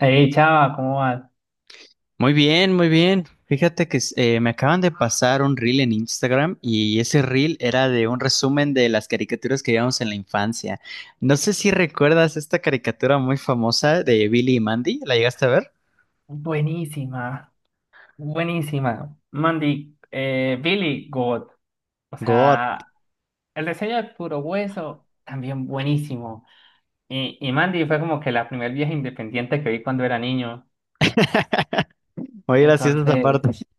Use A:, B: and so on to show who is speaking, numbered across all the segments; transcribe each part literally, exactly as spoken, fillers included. A: Hey, chava, ¿cómo vas?
B: Muy bien, muy bien. Fíjate que eh, me acaban de pasar un reel en Instagram y ese reel era de un resumen de las caricaturas que veíamos en la infancia. No sé si recuerdas esta caricatura muy famosa de Billy y Mandy, ¿la llegaste a ver?
A: Buenísima, buenísima. Mandy, eh, Billy, God. O
B: God,
A: sea, el diseño de puro hueso, también buenísimo. Y, y Mandy fue como que la primer vieja independiente que vi cuando era niño.
B: muy graciosa esa
A: Entonces,
B: parte.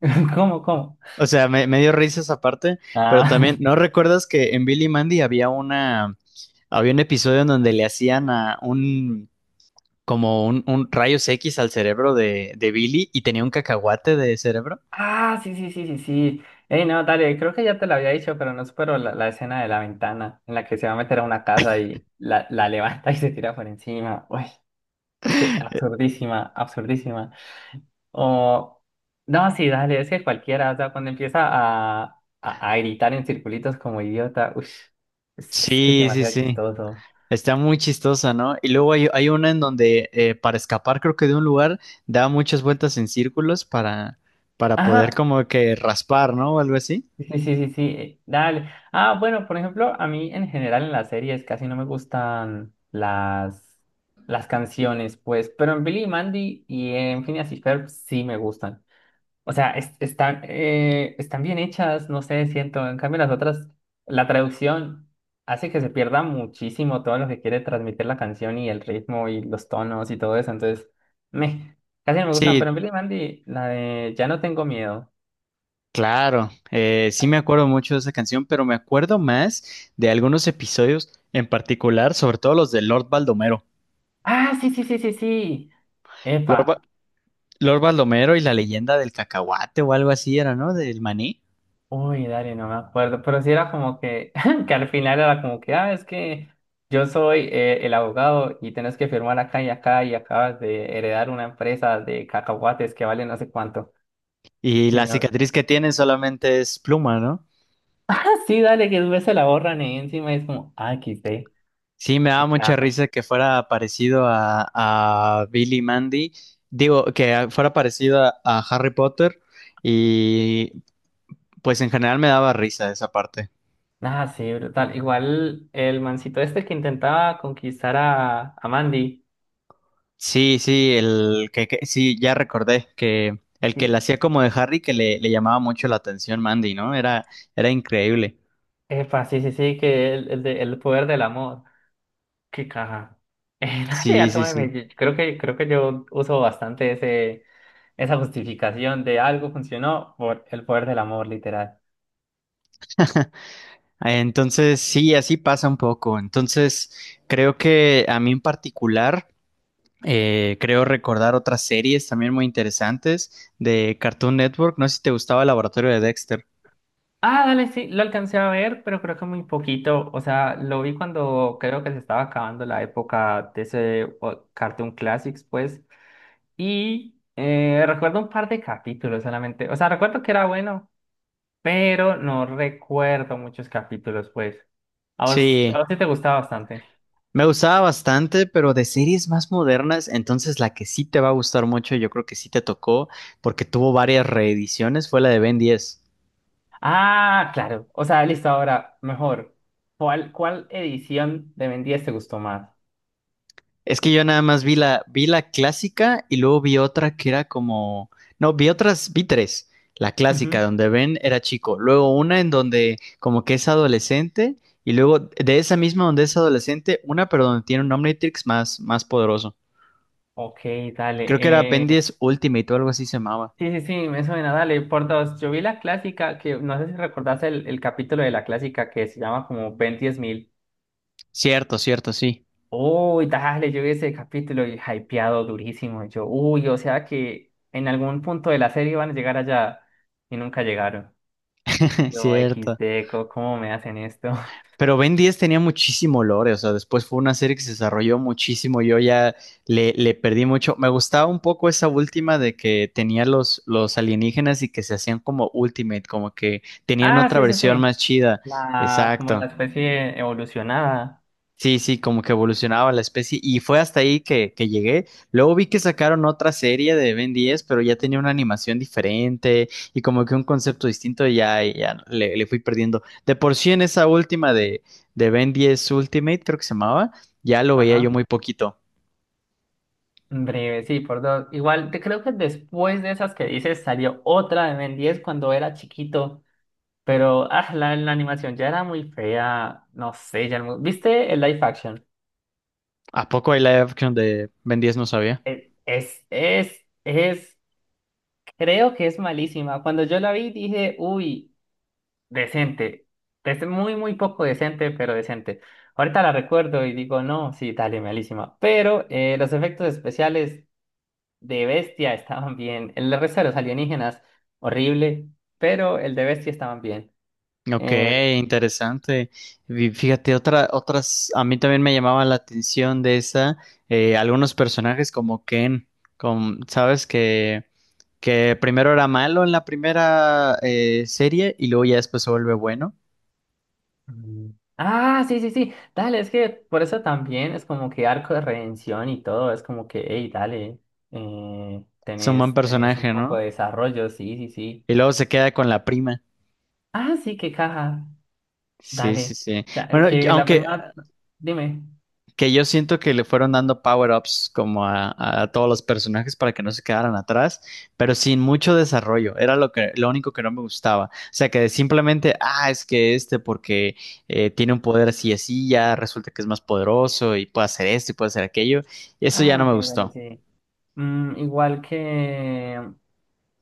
A: ¿cómo, cómo?
B: O sea, me, me dio risa esa parte, pero
A: Ah,
B: también, ¿no recuerdas que en Billy y Mandy había una, había un episodio en donde le hacían a un, como un, un rayos X al cerebro de, de Billy y tenía un cacahuate de cerebro?
A: ah, sí, sí, sí, sí, sí. Hey, no, dale, creo que ya te lo había dicho, pero no supero la, la escena de la ventana en la que se va a meter a una casa y la, la levanta y se tira por encima. Uy, es que absurdísima, absurdísima. O, no, sí, dale, es que cualquiera, o sea, cuando empieza a, a, a gritar en circulitos como idiota, uff, es, es que es
B: Sí, sí,
A: demasiado
B: sí.
A: chistoso.
B: Está muy chistosa, ¿no? Y luego hay, hay una en donde eh, para escapar, creo que de un lugar, da muchas vueltas en círculos para, para poder
A: Ajá,
B: como que raspar, ¿no? O algo así.
A: sí, sí, sí, sí, eh, dale. Ah, bueno, por ejemplo, a mí en general en las series casi no me gustan las, las canciones, pues, pero en Billy y Mandy y en Phineas y Ferb sí me gustan. O sea, es- están, eh, están bien hechas, no sé, siento. En cambio, las otras, la traducción hace que se pierda muchísimo todo lo que quiere transmitir la canción y el ritmo y los tonos y todo eso. Entonces, me, casi no me gustan.
B: Sí,
A: Pero en Billy Mandy, la de Ya no tengo miedo.
B: claro. Eh, sí me acuerdo mucho de esa canción, pero me acuerdo más de algunos episodios en particular, sobre todo los de Lord Baldomero.
A: Ah, sí, sí, sí, sí, sí.
B: Lord,
A: Epa,
B: Ba- Lord Baldomero y la leyenda del cacahuate o algo así era, ¿no? Del maní.
A: uy, dale, no me acuerdo, pero sí era como que, que al final era como que, ah, es que yo soy eh, el abogado y tenés que firmar acá y acá y acabas de heredar una empresa de cacahuates que vale no sé cuánto.
B: Y
A: Y
B: la
A: no,
B: cicatriz que tiene solamente es pluma, ¿no?
A: ah, sí, dale, que después se la borran y encima es como, ah, quité,
B: Sí, me daba
A: qué
B: mucha
A: carro.
B: risa que fuera parecido a, a Billy Mandy, digo, que fuera parecido a, a Harry Potter y pues en general me daba risa esa parte.
A: Ah, sí, brutal. Igual el mancito este que intentaba conquistar a, a Mandy,
B: Sí, sí, el que, que- sí, ya recordé que el que
A: sí,
B: la hacía como de Harry que le, le llamaba mucho la atención Mandy, ¿no? Era, era increíble.
A: epa, sí, sí, sí, que el, el, de- el poder del amor. ¿Qué caja? Eh, la de
B: Sí,
A: Alto
B: sí,
A: de
B: sí.
A: Medellín. Creo que, creo que yo uso bastante ese, esa justificación de algo funcionó por el poder del amor, literal.
B: Entonces, sí, así pasa un poco. Entonces, creo que a mí en particular. Eh, creo recordar otras series también muy interesantes de Cartoon Network. No sé si te gustaba el Laboratorio de Dexter.
A: Ah, dale, sí, lo alcancé a ver, pero creo que muy poquito. O sea, lo vi cuando creo que se estaba acabando la época de ese o- Cartoon Classics, pues. Y eh, recuerdo un par de capítulos solamente. O sea, recuerdo que era bueno, pero no recuerdo muchos capítulos, pues. A vos, a
B: Sí,
A: vos sí te gustaba bastante.
B: me gustaba bastante, pero de series más modernas, entonces la que sí te va a gustar mucho, yo creo que sí te tocó, porque tuvo varias reediciones, fue la de Ben diez.
A: Ah, claro. O sea, listo, ahora, mejor. ¿Cuál, cuál edición de Ben diez te gustó más?
B: Es que yo nada más vi la, vi la clásica y luego vi otra que era como. No, vi otras, vi tres. La clásica,
A: Ujú.
B: donde Ben era chico. Luego una en donde como que es adolescente. Y luego de esa misma donde es adolescente, una pero donde tiene un Omnitrix más, más poderoso.
A: Ok, dale.
B: Creo que era
A: Eh,
B: Ben diez Ultimate o algo así se llamaba.
A: sí, sí, sí, me suena, dale, por dos. Yo vi la clásica, que no sé si recordás el, el capítulo de la clásica que se llama como Ben diez mil.
B: Cierto, cierto, sí.
A: Uy, dale, yo vi ese capítulo y hypeado durísimo. Yo, uy, o sea que en algún punto de la serie van a llegar allá y nunca llegaron. Y yo,
B: Cierto.
A: equis de, co- ¿cómo me hacen esto?
B: Pero Ben diez tenía muchísimo lore, o sea, después fue una serie que se desarrolló muchísimo, yo ya le, le perdí mucho. Me gustaba un poco esa última de que tenía los, los alienígenas y que se hacían como Ultimate, como que tenían
A: Ah,
B: otra
A: sí, sí,
B: versión
A: sí.
B: más chida.
A: La, como
B: Exacto.
A: la especie evolucionada.
B: Sí, sí, como que evolucionaba la especie y fue hasta ahí que, que llegué. Luego vi que sacaron otra serie de Ben diez, pero ya tenía una animación diferente y como que un concepto distinto y ya, y ya le, le fui perdiendo. De por sí en esa última de, de Ben diez Ultimate, creo que se llamaba, ya lo veía yo
A: Ajá.
B: muy poquito.
A: Breve, sí, por dos. Igual, te creo que después de esas que dices salió otra de Ben diez cuando era chiquito. Pero ah, la, la animación ya era muy fea. No sé, ya no- ¿viste el live action?
B: ¿A poco hay live action de Ben diez? No sabía.
A: Es, es, es, creo que es malísima. Cuando yo la vi dije, uy, decente. Es muy, muy poco decente, pero decente. Ahorita la recuerdo y digo, no, sí, dale, malísima. Pero eh, los efectos especiales de Bestia estaban bien. El resto de los alienígenas, horrible, pero el de Bestia estaban bien.
B: Ok,
A: Eh,
B: interesante. Y fíjate, otra, otras, a mí también me llamaba la atención de esa, eh, algunos personajes como Ken, con, sabes que, que primero era malo en la primera eh, serie y luego ya después se vuelve bueno.
A: Mm. Ah, sí, sí, sí. Dale, es que por eso también es como que arco de redención y todo. Es como que, hey, dale, eh,
B: Es un buen
A: tenés, tenés un
B: personaje,
A: poco
B: ¿no?
A: de desarrollo, sí, sí, sí.
B: Y luego se queda con la prima.
A: Ah, sí, qué caja.
B: Sí, sí,
A: Dale.
B: sí.
A: O sea,
B: Bueno, yo-
A: que la
B: aunque
A: prima, dime.
B: que yo siento que le fueron dando power-ups como a, a todos los personajes para que no se quedaran atrás, pero sin mucho desarrollo. Era lo que, lo único que no me gustaba. O sea, que simplemente, ah, es que este porque eh, tiene un poder así y así, ya resulta que es más poderoso y puede hacer esto y puede hacer aquello. Eso ya
A: Ah,
B: no
A: ok,
B: me
A: dale,
B: gustó.
A: sí. Mm, igual que.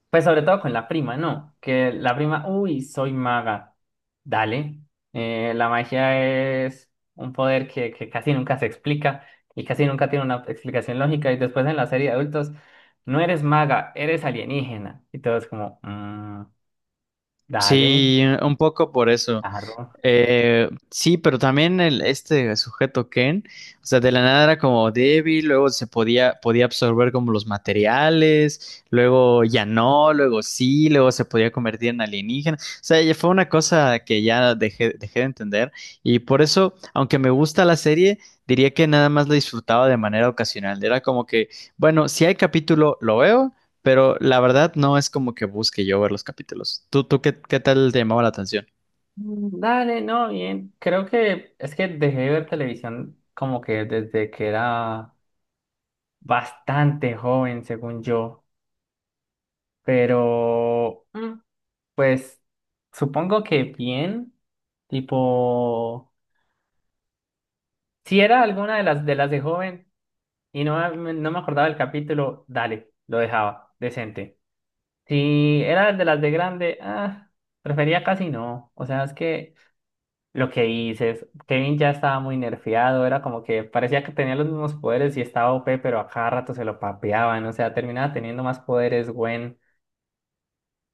A: Pues sobre todo con la prima, ¿no? Que la prima, uy, soy maga. Dale. Eh, la magia es un poder que, que casi nunca se explica y casi nunca tiene una explicación lógica. Y después en la serie de adultos, no eres maga, eres alienígena. Y todo es como, "Mm, dale,
B: Sí, un poco por eso.
A: charro."
B: Eh, sí, pero también el, este sujeto Ken, o sea, de la nada era como débil, luego se podía, podía absorber como los materiales, luego ya no, luego sí, luego se podía convertir en alienígena. O sea, ya fue una cosa que ya dejé, dejé de entender y por eso, aunque me gusta la serie, diría que nada más la disfrutaba de manera ocasional. Era como que, bueno, si hay capítulo, lo veo, pero la verdad no es como que busque yo ver los capítulos. ¿Tú, tú qué, qué tal te llamaba la atención?
A: Mm, dale, no, bien. Creo que es que dejé de ver televisión como que desde que era bastante joven, según yo. Pero, mm, pues supongo que bien, tipo, si era alguna de las de las de joven y no, me- no me acordaba el capítulo, dale, lo dejaba, decente. Si era de las de grande, ah, prefería casi no. O sea, es que lo que dices, Kevin ya estaba muy nerfeado, era como que parecía que tenía los mismos poderes y estaba O P, pero a cada rato se lo papeaban, o sea, terminaba teniendo más poderes, Gwen,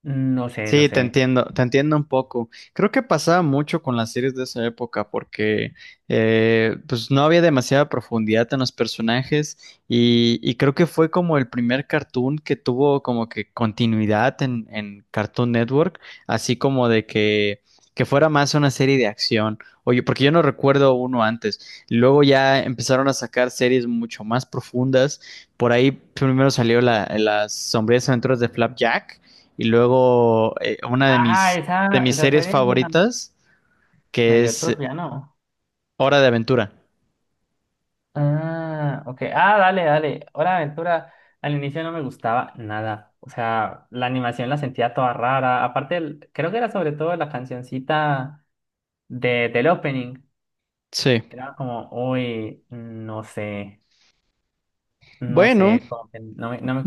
A: no sé, no
B: Sí, te
A: sé.
B: entiendo, te entiendo un poco. Creo que pasaba mucho con las series de esa época porque eh, pues no había demasiada profundidad en los personajes y, y creo que fue como el primer cartoon que tuvo como que continuidad en, en Cartoon Network, así como de que, que fuera más una serie de acción. Oye, porque yo no recuerdo uno antes. Luego ya empezaron a sacar series mucho más profundas. Por ahí primero salió la, las sombrías aventuras de Flapjack y luego eh, una de
A: Ah,
B: mis, de
A: esa,
B: mis
A: esa
B: series
A: serie era
B: favoritas, que
A: medio
B: es
A: turbia, ¿no?
B: Hora de Aventura.
A: Ah, ok. Ah, dale, dale. Hora de Aventura al inicio no me gustaba nada. O sea, la animación la sentía toda rara. Aparte, el- creo que era sobre todo la cancioncita de, del opening.
B: Sí.
A: Era como, uy, no sé, no
B: Bueno,
A: sé, como que no me, no me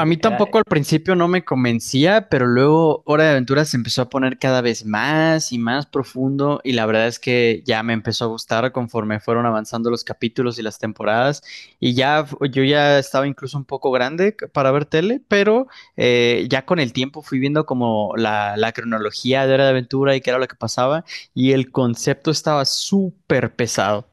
B: a mí
A: Era,
B: tampoco al principio no me convencía, pero luego Hora de Aventura se empezó a poner cada vez más y más profundo y la verdad es que ya me empezó a gustar conforme fueron avanzando los capítulos y las temporadas y ya f- yo ya estaba incluso un poco grande c- para ver tele, pero eh, ya con el tiempo fui viendo como la, la cronología de Hora de Aventura y qué era lo que pasaba y el concepto estaba súper pesado.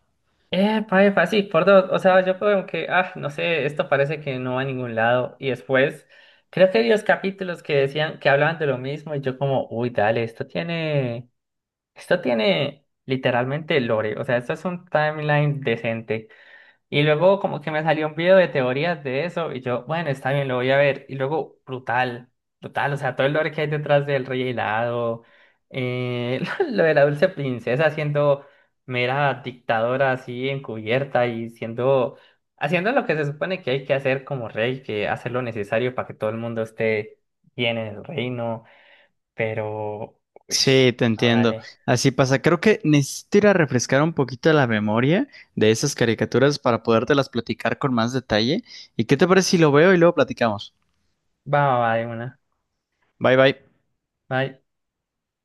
A: eh, pa, epa, sí, por dos. O sea, yo como que, ah, no sé, esto parece que no va a ningún lado. Y después, creo que vi los capítulos que decían, que hablaban de lo mismo y yo como, uy, dale, esto tiene... Esto tiene literalmente lore, o sea, esto es un timeline decente. Y luego como que me salió un video de teorías de eso y yo, bueno, está bien, lo voy a ver. Y luego, brutal, brutal, o sea, todo el lore que hay detrás del rey helado, eh, lo de la dulce princesa siendo mera dictadora así encubierta y siendo, haciendo lo que se supone que hay que hacer como rey, que hacer lo necesario para que todo el mundo esté bien en el reino, pero, ush,
B: Sí, te
A: no,
B: entiendo.
A: dale.
B: Así pasa. Creo que necesito ir a refrescar un poquito la memoria de esas caricaturas para podértelas platicar con más detalle. ¿Y qué te parece si lo veo y luego platicamos?
A: Va, va, va, de una.
B: Bye bye.
A: Bye.